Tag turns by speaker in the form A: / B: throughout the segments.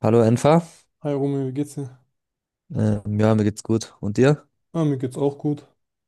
A: Hallo Enfa.
B: Hi Romeo, wie geht's dir?
A: Ja, mir geht's gut. Und dir?
B: Ah, mir geht's auch gut.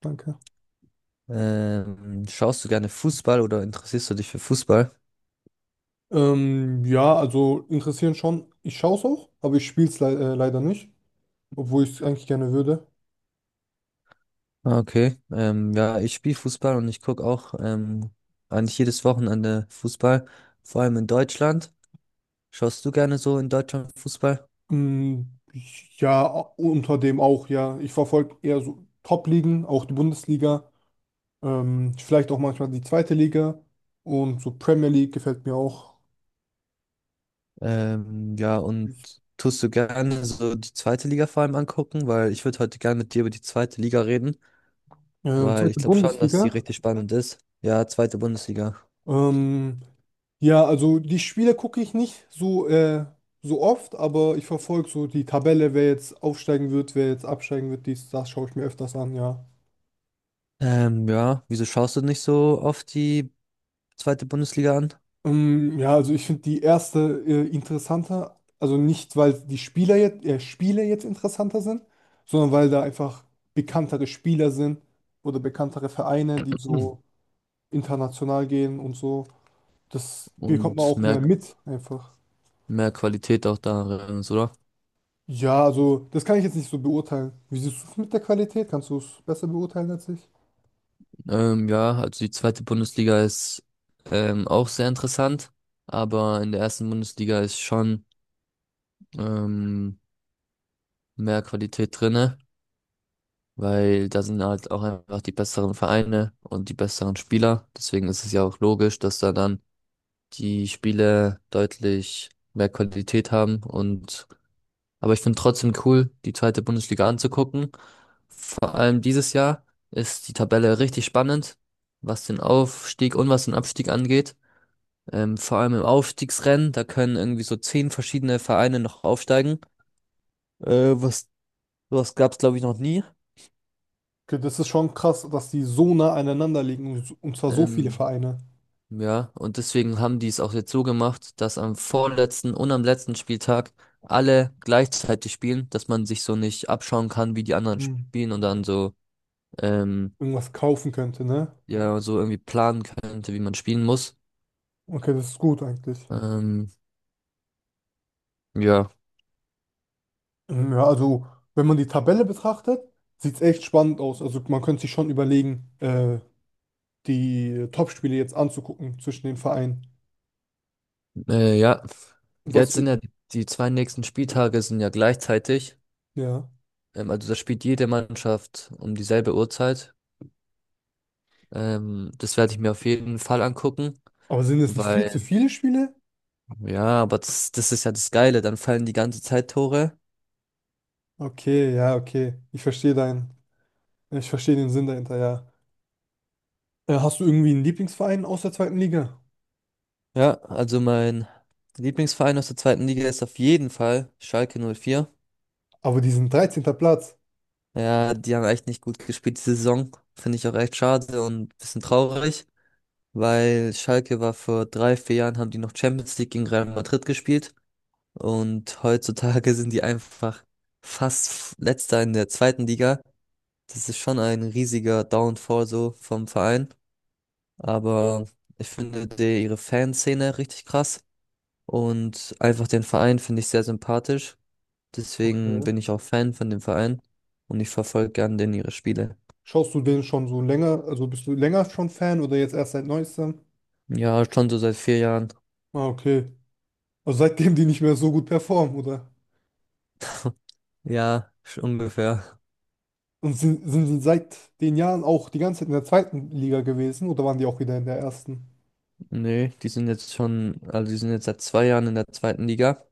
B: Danke.
A: Schaust du gerne Fußball oder interessierst du dich für Fußball?
B: Ja, also interessieren schon. Ich schaue es auch, aber ich spiele es le leider nicht, obwohl ich es eigentlich gerne würde.
A: Ah, okay. Ja, ich spiele Fußball und ich gucke auch eigentlich jedes Wochenende Fußball, vor allem in Deutschland. Schaust du gerne so in Deutschland Fußball?
B: Ähm, ja, unter dem auch, ja. Ich verfolge eher so Top-Ligen, auch die Bundesliga, vielleicht auch manchmal die zweite Liga und so Premier League gefällt mir auch.
A: Ja, und tust du gerne so die zweite Liga vor allem angucken? Weil ich würde heute gerne mit dir über die zweite Liga reden, weil ich
B: Zweite
A: glaube schon, dass die
B: Bundesliga.
A: richtig spannend ist. Ja, zweite Bundesliga.
B: Ähm, Ja, also die Spiele gucke ich nicht so oft, aber ich verfolge so die Tabelle, wer jetzt aufsteigen wird, wer jetzt absteigen wird, dies, das schaue ich mir öfters an, ja.
A: Ja, wieso schaust du nicht so oft die zweite Bundesliga an?
B: Ja, also ich finde die erste interessanter, also nicht, weil die Spiele jetzt interessanter sind, sondern weil da einfach bekanntere Spieler sind oder bekanntere Vereine, die
A: Hm.
B: so international gehen und so. Das bekommt man
A: Und
B: auch mehr mit, einfach.
A: mehr Qualität auch darin, ist, oder?
B: Ja, also das kann ich jetzt nicht so beurteilen. Wie siehst du es mit der Qualität? Kannst du es besser beurteilen als ich?
A: Ja, also die zweite Bundesliga ist auch sehr interessant, aber in der ersten Bundesliga ist schon ähm, mehr Qualität drinne, weil da sind halt auch einfach die besseren Vereine und die besseren Spieler. Deswegen ist es ja auch logisch, dass da dann die Spiele deutlich mehr Qualität haben und aber ich finde trotzdem cool, die zweite Bundesliga anzugucken. Vor allem dieses Jahr ist die Tabelle richtig spannend, was den Aufstieg und was den Abstieg angeht. Vor allem im Aufstiegsrennen, da können irgendwie so zehn verschiedene Vereine noch aufsteigen. Äh, was, Was gab's, glaube ich, noch nie.
B: Okay, das ist schon krass, dass die so nah aneinander liegen und zwar so viele
A: Ähm,
B: Vereine.
A: ja, und deswegen haben die es auch jetzt so gemacht, dass am vorletzten und am letzten Spieltag alle gleichzeitig spielen, dass man sich so nicht abschauen kann, wie die anderen
B: Hm.
A: spielen und dann so ähm,
B: Irgendwas kaufen könnte, ne?
A: ja, so irgendwie planen könnte, wie man spielen muss.
B: Okay, das ist gut eigentlich.
A: Ähm, ja,
B: Ja, also wenn man die Tabelle betrachtet, sieht es echt spannend aus. Also man könnte sich schon überlegen, die Top-Spiele jetzt anzugucken zwischen den Vereinen.
A: ja.
B: Was,
A: Jetzt sind
B: für-
A: ja die zwei nächsten Spieltage sind ja gleichzeitig.
B: ja.
A: Also da spielt jede Mannschaft um dieselbe Uhrzeit. Das werde ich mir auf jeden Fall angucken,
B: Aber sind es nicht viel zu
A: weil
B: viele Spiele?
A: ja, aber das ist ja das Geile. Dann fallen die ganze Zeit Tore.
B: Okay, ja, okay. Ich verstehe den Sinn dahinter, ja. Hast du irgendwie einen Lieblingsverein aus der zweiten Liga?
A: Ja, also mein Lieblingsverein aus der zweiten Liga ist auf jeden Fall Schalke 04.
B: Aber diesen 13. Platz,
A: Ja, die haben echt nicht gut gespielt diese Saison. Finde ich auch echt schade und ein bisschen traurig. Weil Schalke war vor drei, vier Jahren, haben die noch Champions League gegen Real Madrid gespielt und heutzutage sind die einfach fast letzter in der zweiten Liga. Das ist schon ein riesiger Downfall so vom Verein, aber ich finde ihre Fanszene richtig krass und einfach den Verein finde ich sehr sympathisch. Deswegen
B: okay.
A: bin ich auch Fan von dem Verein und ich verfolge gern den ihre Spiele.
B: Schaust du den schon so länger? Also bist du länger schon Fan oder jetzt erst seit neuestem?
A: Ja, schon so seit vier Jahren.
B: Ah, okay. Also seitdem die nicht mehr so gut performen, oder?
A: Ja, ungefähr.
B: Und sind sie seit den Jahren auch die ganze Zeit in der zweiten Liga gewesen oder waren die auch wieder in der ersten?
A: Nee, die sind jetzt seit zwei Jahren in der zweiten Liga.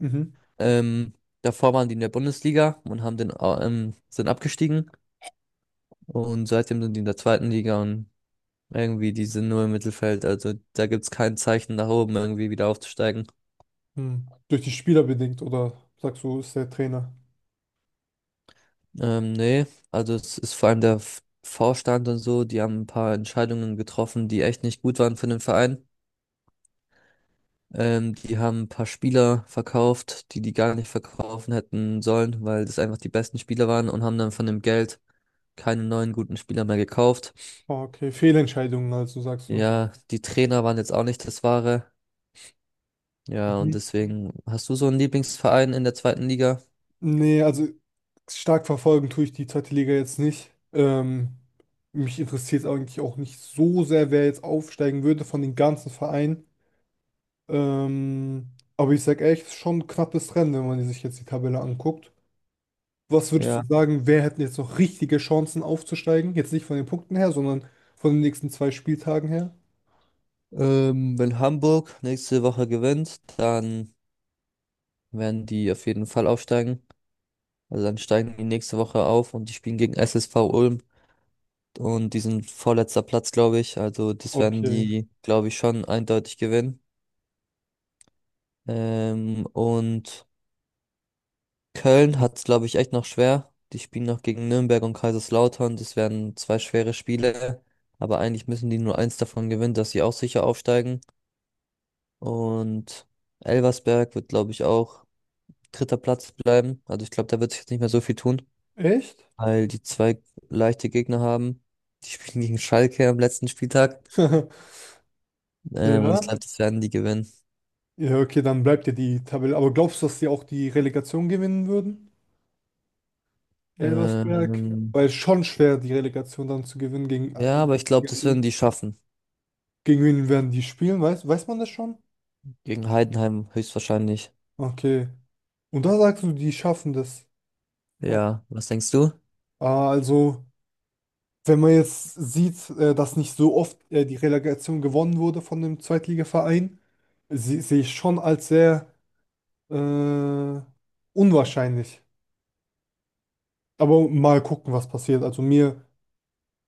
B: Mhm.
A: Ähm, Davor waren die in der Bundesliga und haben sind abgestiegen. Und seitdem sind die in der zweiten Liga und irgendwie, die sind nur im Mittelfeld. Also da gibt's kein Zeichen nach oben, irgendwie wieder aufzusteigen.
B: Hm. Durch die Spieler bedingt, oder sagst du, ist der Trainer?
A: Also es ist vor allem der Vorstand und so, die haben ein paar Entscheidungen getroffen, die echt nicht gut waren für den Verein. Die haben ein paar Spieler verkauft, die gar nicht verkaufen hätten sollen, weil das einfach die besten Spieler waren und haben dann von dem Geld keine neuen guten Spieler mehr gekauft.
B: Ah, okay. Fehlentscheidungen, also sagst du.
A: Ja, die Trainer waren jetzt auch nicht das Wahre. Ja, und deswegen hast du so einen Lieblingsverein in der zweiten Liga?
B: Nee, also stark verfolgen tue ich die zweite Liga jetzt nicht. Mich interessiert es eigentlich auch nicht so sehr, wer jetzt aufsteigen würde von den ganzen Vereinen. Ähm, aber ich sag ehrlich, es ist schon ein knappes Rennen, wenn man sich jetzt die Tabelle anguckt. Was würdest du
A: Ja.
B: sagen, wer hätten jetzt noch richtige Chancen aufzusteigen? Jetzt nicht von den Punkten her, sondern von den nächsten 2 Spieltagen her?
A: Wenn Hamburg nächste Woche gewinnt, dann werden die auf jeden Fall aufsteigen. Also dann steigen die nächste Woche auf und die spielen gegen SSV Ulm. Und die sind vorletzter Platz, glaube ich. Also das werden
B: Okay.
A: die, glaube ich, schon eindeutig gewinnen. Und Köln hat es, glaube ich, echt noch schwer. Die spielen noch gegen Nürnberg und Kaiserslautern. Das werden zwei schwere Spiele. Aber eigentlich müssen die nur eins davon gewinnen, dass sie auch sicher aufsteigen. Und Elversberg wird, glaube ich, auch dritter Platz bleiben. Also ich glaube, da wird sich jetzt nicht mehr so viel tun,
B: Echt?
A: weil die zwei leichte Gegner haben. Die spielen gegen Schalke am letzten Spieltag. Und ich
B: Ja.
A: glaube, das werden die gewinnen.
B: Ja, okay, dann bleibt ja die Tabelle. Aber glaubst du, dass sie auch die Relegation gewinnen würden? Elversberg?
A: Ähm,
B: Weil es schon schwer, die Relegation dann zu gewinnen gegen.
A: ja, aber ich glaube, das werden die schaffen.
B: Gegen wen werden die spielen? Weiß man das schon?
A: Gegen Heidenheim höchstwahrscheinlich.
B: Okay. Und da sagst du, die schaffen das. Oh.
A: Ja, was denkst du?
B: Ah, also, wenn man jetzt sieht, dass nicht so oft die Relegation gewonnen wurde von dem Zweitligaverein, sehe ich schon als sehr äh, unwahrscheinlich. Aber mal gucken, was passiert. Also mir,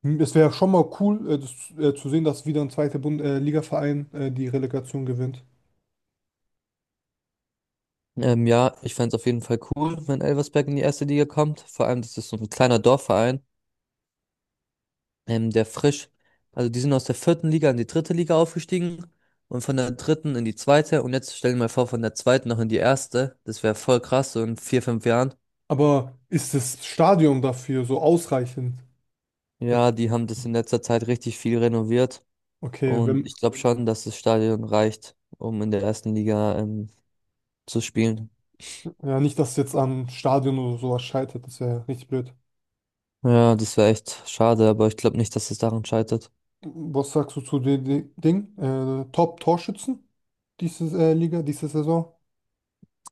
B: m- es wäre schon mal cool, das, zu sehen, dass wieder ein zweiter Bund Ligaverein die Relegation gewinnt.
A: Ja, ich fänd's auf jeden Fall cool, wenn Elversberg in die erste Liga kommt. Vor allem, das ist so ein kleiner Dorfverein, ähm, der frisch, also die sind aus der vierten Liga in die dritte Liga aufgestiegen und von der dritten in die zweite und jetzt stellen wir mal vor, von der zweiten noch in die erste. Das wäre voll krass, so in vier, fünf Jahren.
B: Aber ist das Stadion dafür so ausreichend?
A: Ja, die haben das in letzter Zeit richtig viel renoviert
B: Okay,
A: und
B: wenn,
A: ich glaube schon, dass das Stadion reicht, um in der ersten Liga zu spielen.
B: ja, nicht, dass es jetzt am Stadion oder sowas scheitert, das wäre richtig blöd.
A: Ja, das wäre echt schade, aber ich glaube nicht, dass es daran scheitert.
B: Was sagst du zu dem Ding? Top-Torschützen diese Liga, diese Saison?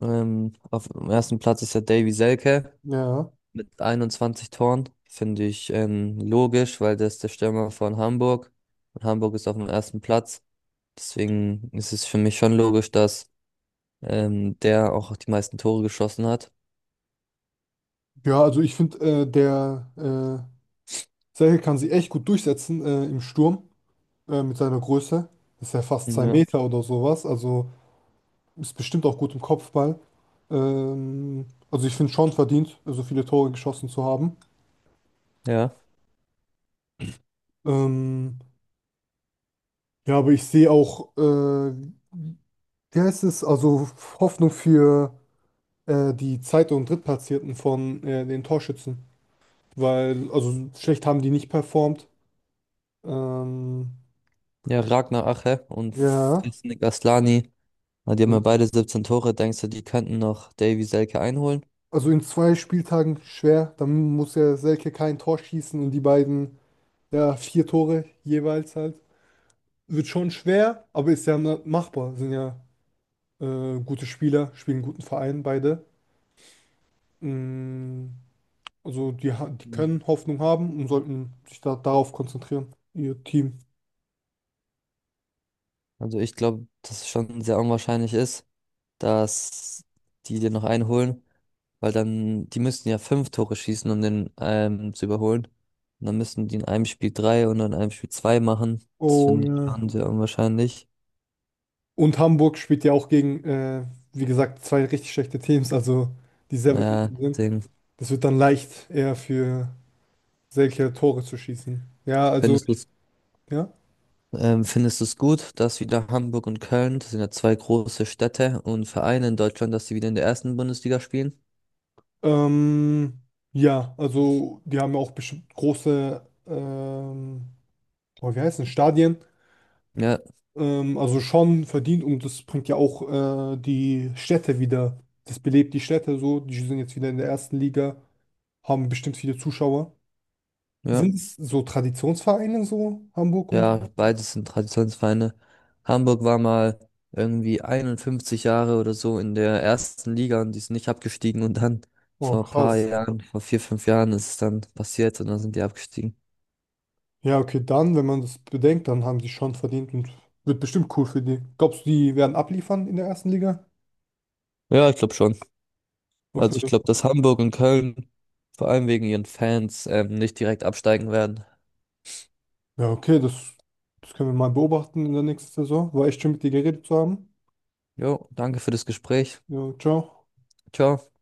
A: Auf dem ersten Platz ist ja Davy Selke
B: Ja.
A: mit 21 Toren. Finde ich logisch, weil der ist der Stürmer von Hamburg und Hamburg ist auf dem ersten Platz. Deswegen ist es für mich schon logisch, dass der auch die meisten Tore geschossen hat.
B: Ja, also ich finde, der Serhel kann sich echt gut durchsetzen im Sturm mit seiner Größe. Ist ja fast zwei
A: Ja.
B: Meter oder sowas. Also ist bestimmt auch gut im Kopfball. Also ich finde schon verdient, so viele Tore geschossen zu haben.
A: Ja,
B: Ähm, ja, aber ich sehe auch ja, es also Hoffnung für die Zweit- und Drittplatzierten von den Torschützen, weil also schlecht haben die nicht performt. Ähm,
A: ja, Ragnar Ache und
B: ja,
A: Fisnik Aslani, na, die haben ja
B: also,
A: beide 17 Tore. Denkst du, die könnten noch Davy Selke einholen?
B: also in 2 Spieltagen schwer, dann muss ja Selke kein Tor schießen und die beiden, ja, vier Tore jeweils halt. Wird schon schwer, aber ist ja machbar. Sind ja gute Spieler, spielen einen guten Verein beide. Mm, also die können Hoffnung haben und sollten sich da darauf konzentrieren, ihr Team.
A: Also ich glaube, dass es schon sehr unwahrscheinlich ist, dass die dir noch einholen, weil dann, die müssten ja 5 Tore schießen, um den zu überholen. Und dann müssten die in einem Spiel drei und in einem Spiel zwei machen. Das
B: Oh
A: finde ich
B: ja.
A: schon sehr unwahrscheinlich.
B: Und Hamburg spielt ja auch gegen, wie gesagt, zwei richtig schlechte Teams, also die sehr weit
A: Ja,
B: unten sind.
A: deswegen
B: Das wird dann leicht, eher für solche Tore zu schießen. Ja, also,
A: findest du es
B: ja.
A: gut, dass wieder Hamburg und Köln, das sind ja zwei große Städte und Vereine in Deutschland, dass sie wieder in der ersten Bundesliga spielen?
B: Ähm, ja, also die haben ja auch bestimmt große, oh, wie heißt es, Stadien.
A: Ja,
B: Also schon verdient und das bringt ja auch die Städte wieder. Das belebt die Städte so. Die sind jetzt wieder in der ersten Liga, haben bestimmt viele Zuschauer.
A: ja.
B: Sind es so Traditionsvereine so, Hamburg und so?
A: Ja, beides sind Traditionsvereine. Hamburg war mal irgendwie 51 Jahre oder so in der ersten Liga und die sind nicht abgestiegen und dann
B: Oh,
A: vor ein paar
B: krass.
A: Jahren, vor vier, fünf Jahren ist es dann passiert und dann sind die abgestiegen.
B: Ja, okay, dann, wenn man das bedenkt, dann haben die schon verdient und wird bestimmt cool für die. Glaubst du, die werden abliefern in der ersten Liga?
A: Ja, ich glaube schon. Also ich
B: Okay.
A: glaube, dass Hamburg und Köln vor allem wegen ihren Fans nicht direkt absteigen werden.
B: Ja, okay, das können wir mal beobachten in der nächsten Saison. War echt schön, mit dir geredet zu haben.
A: Jo, danke für das Gespräch.
B: Ja, ciao.
A: Ciao.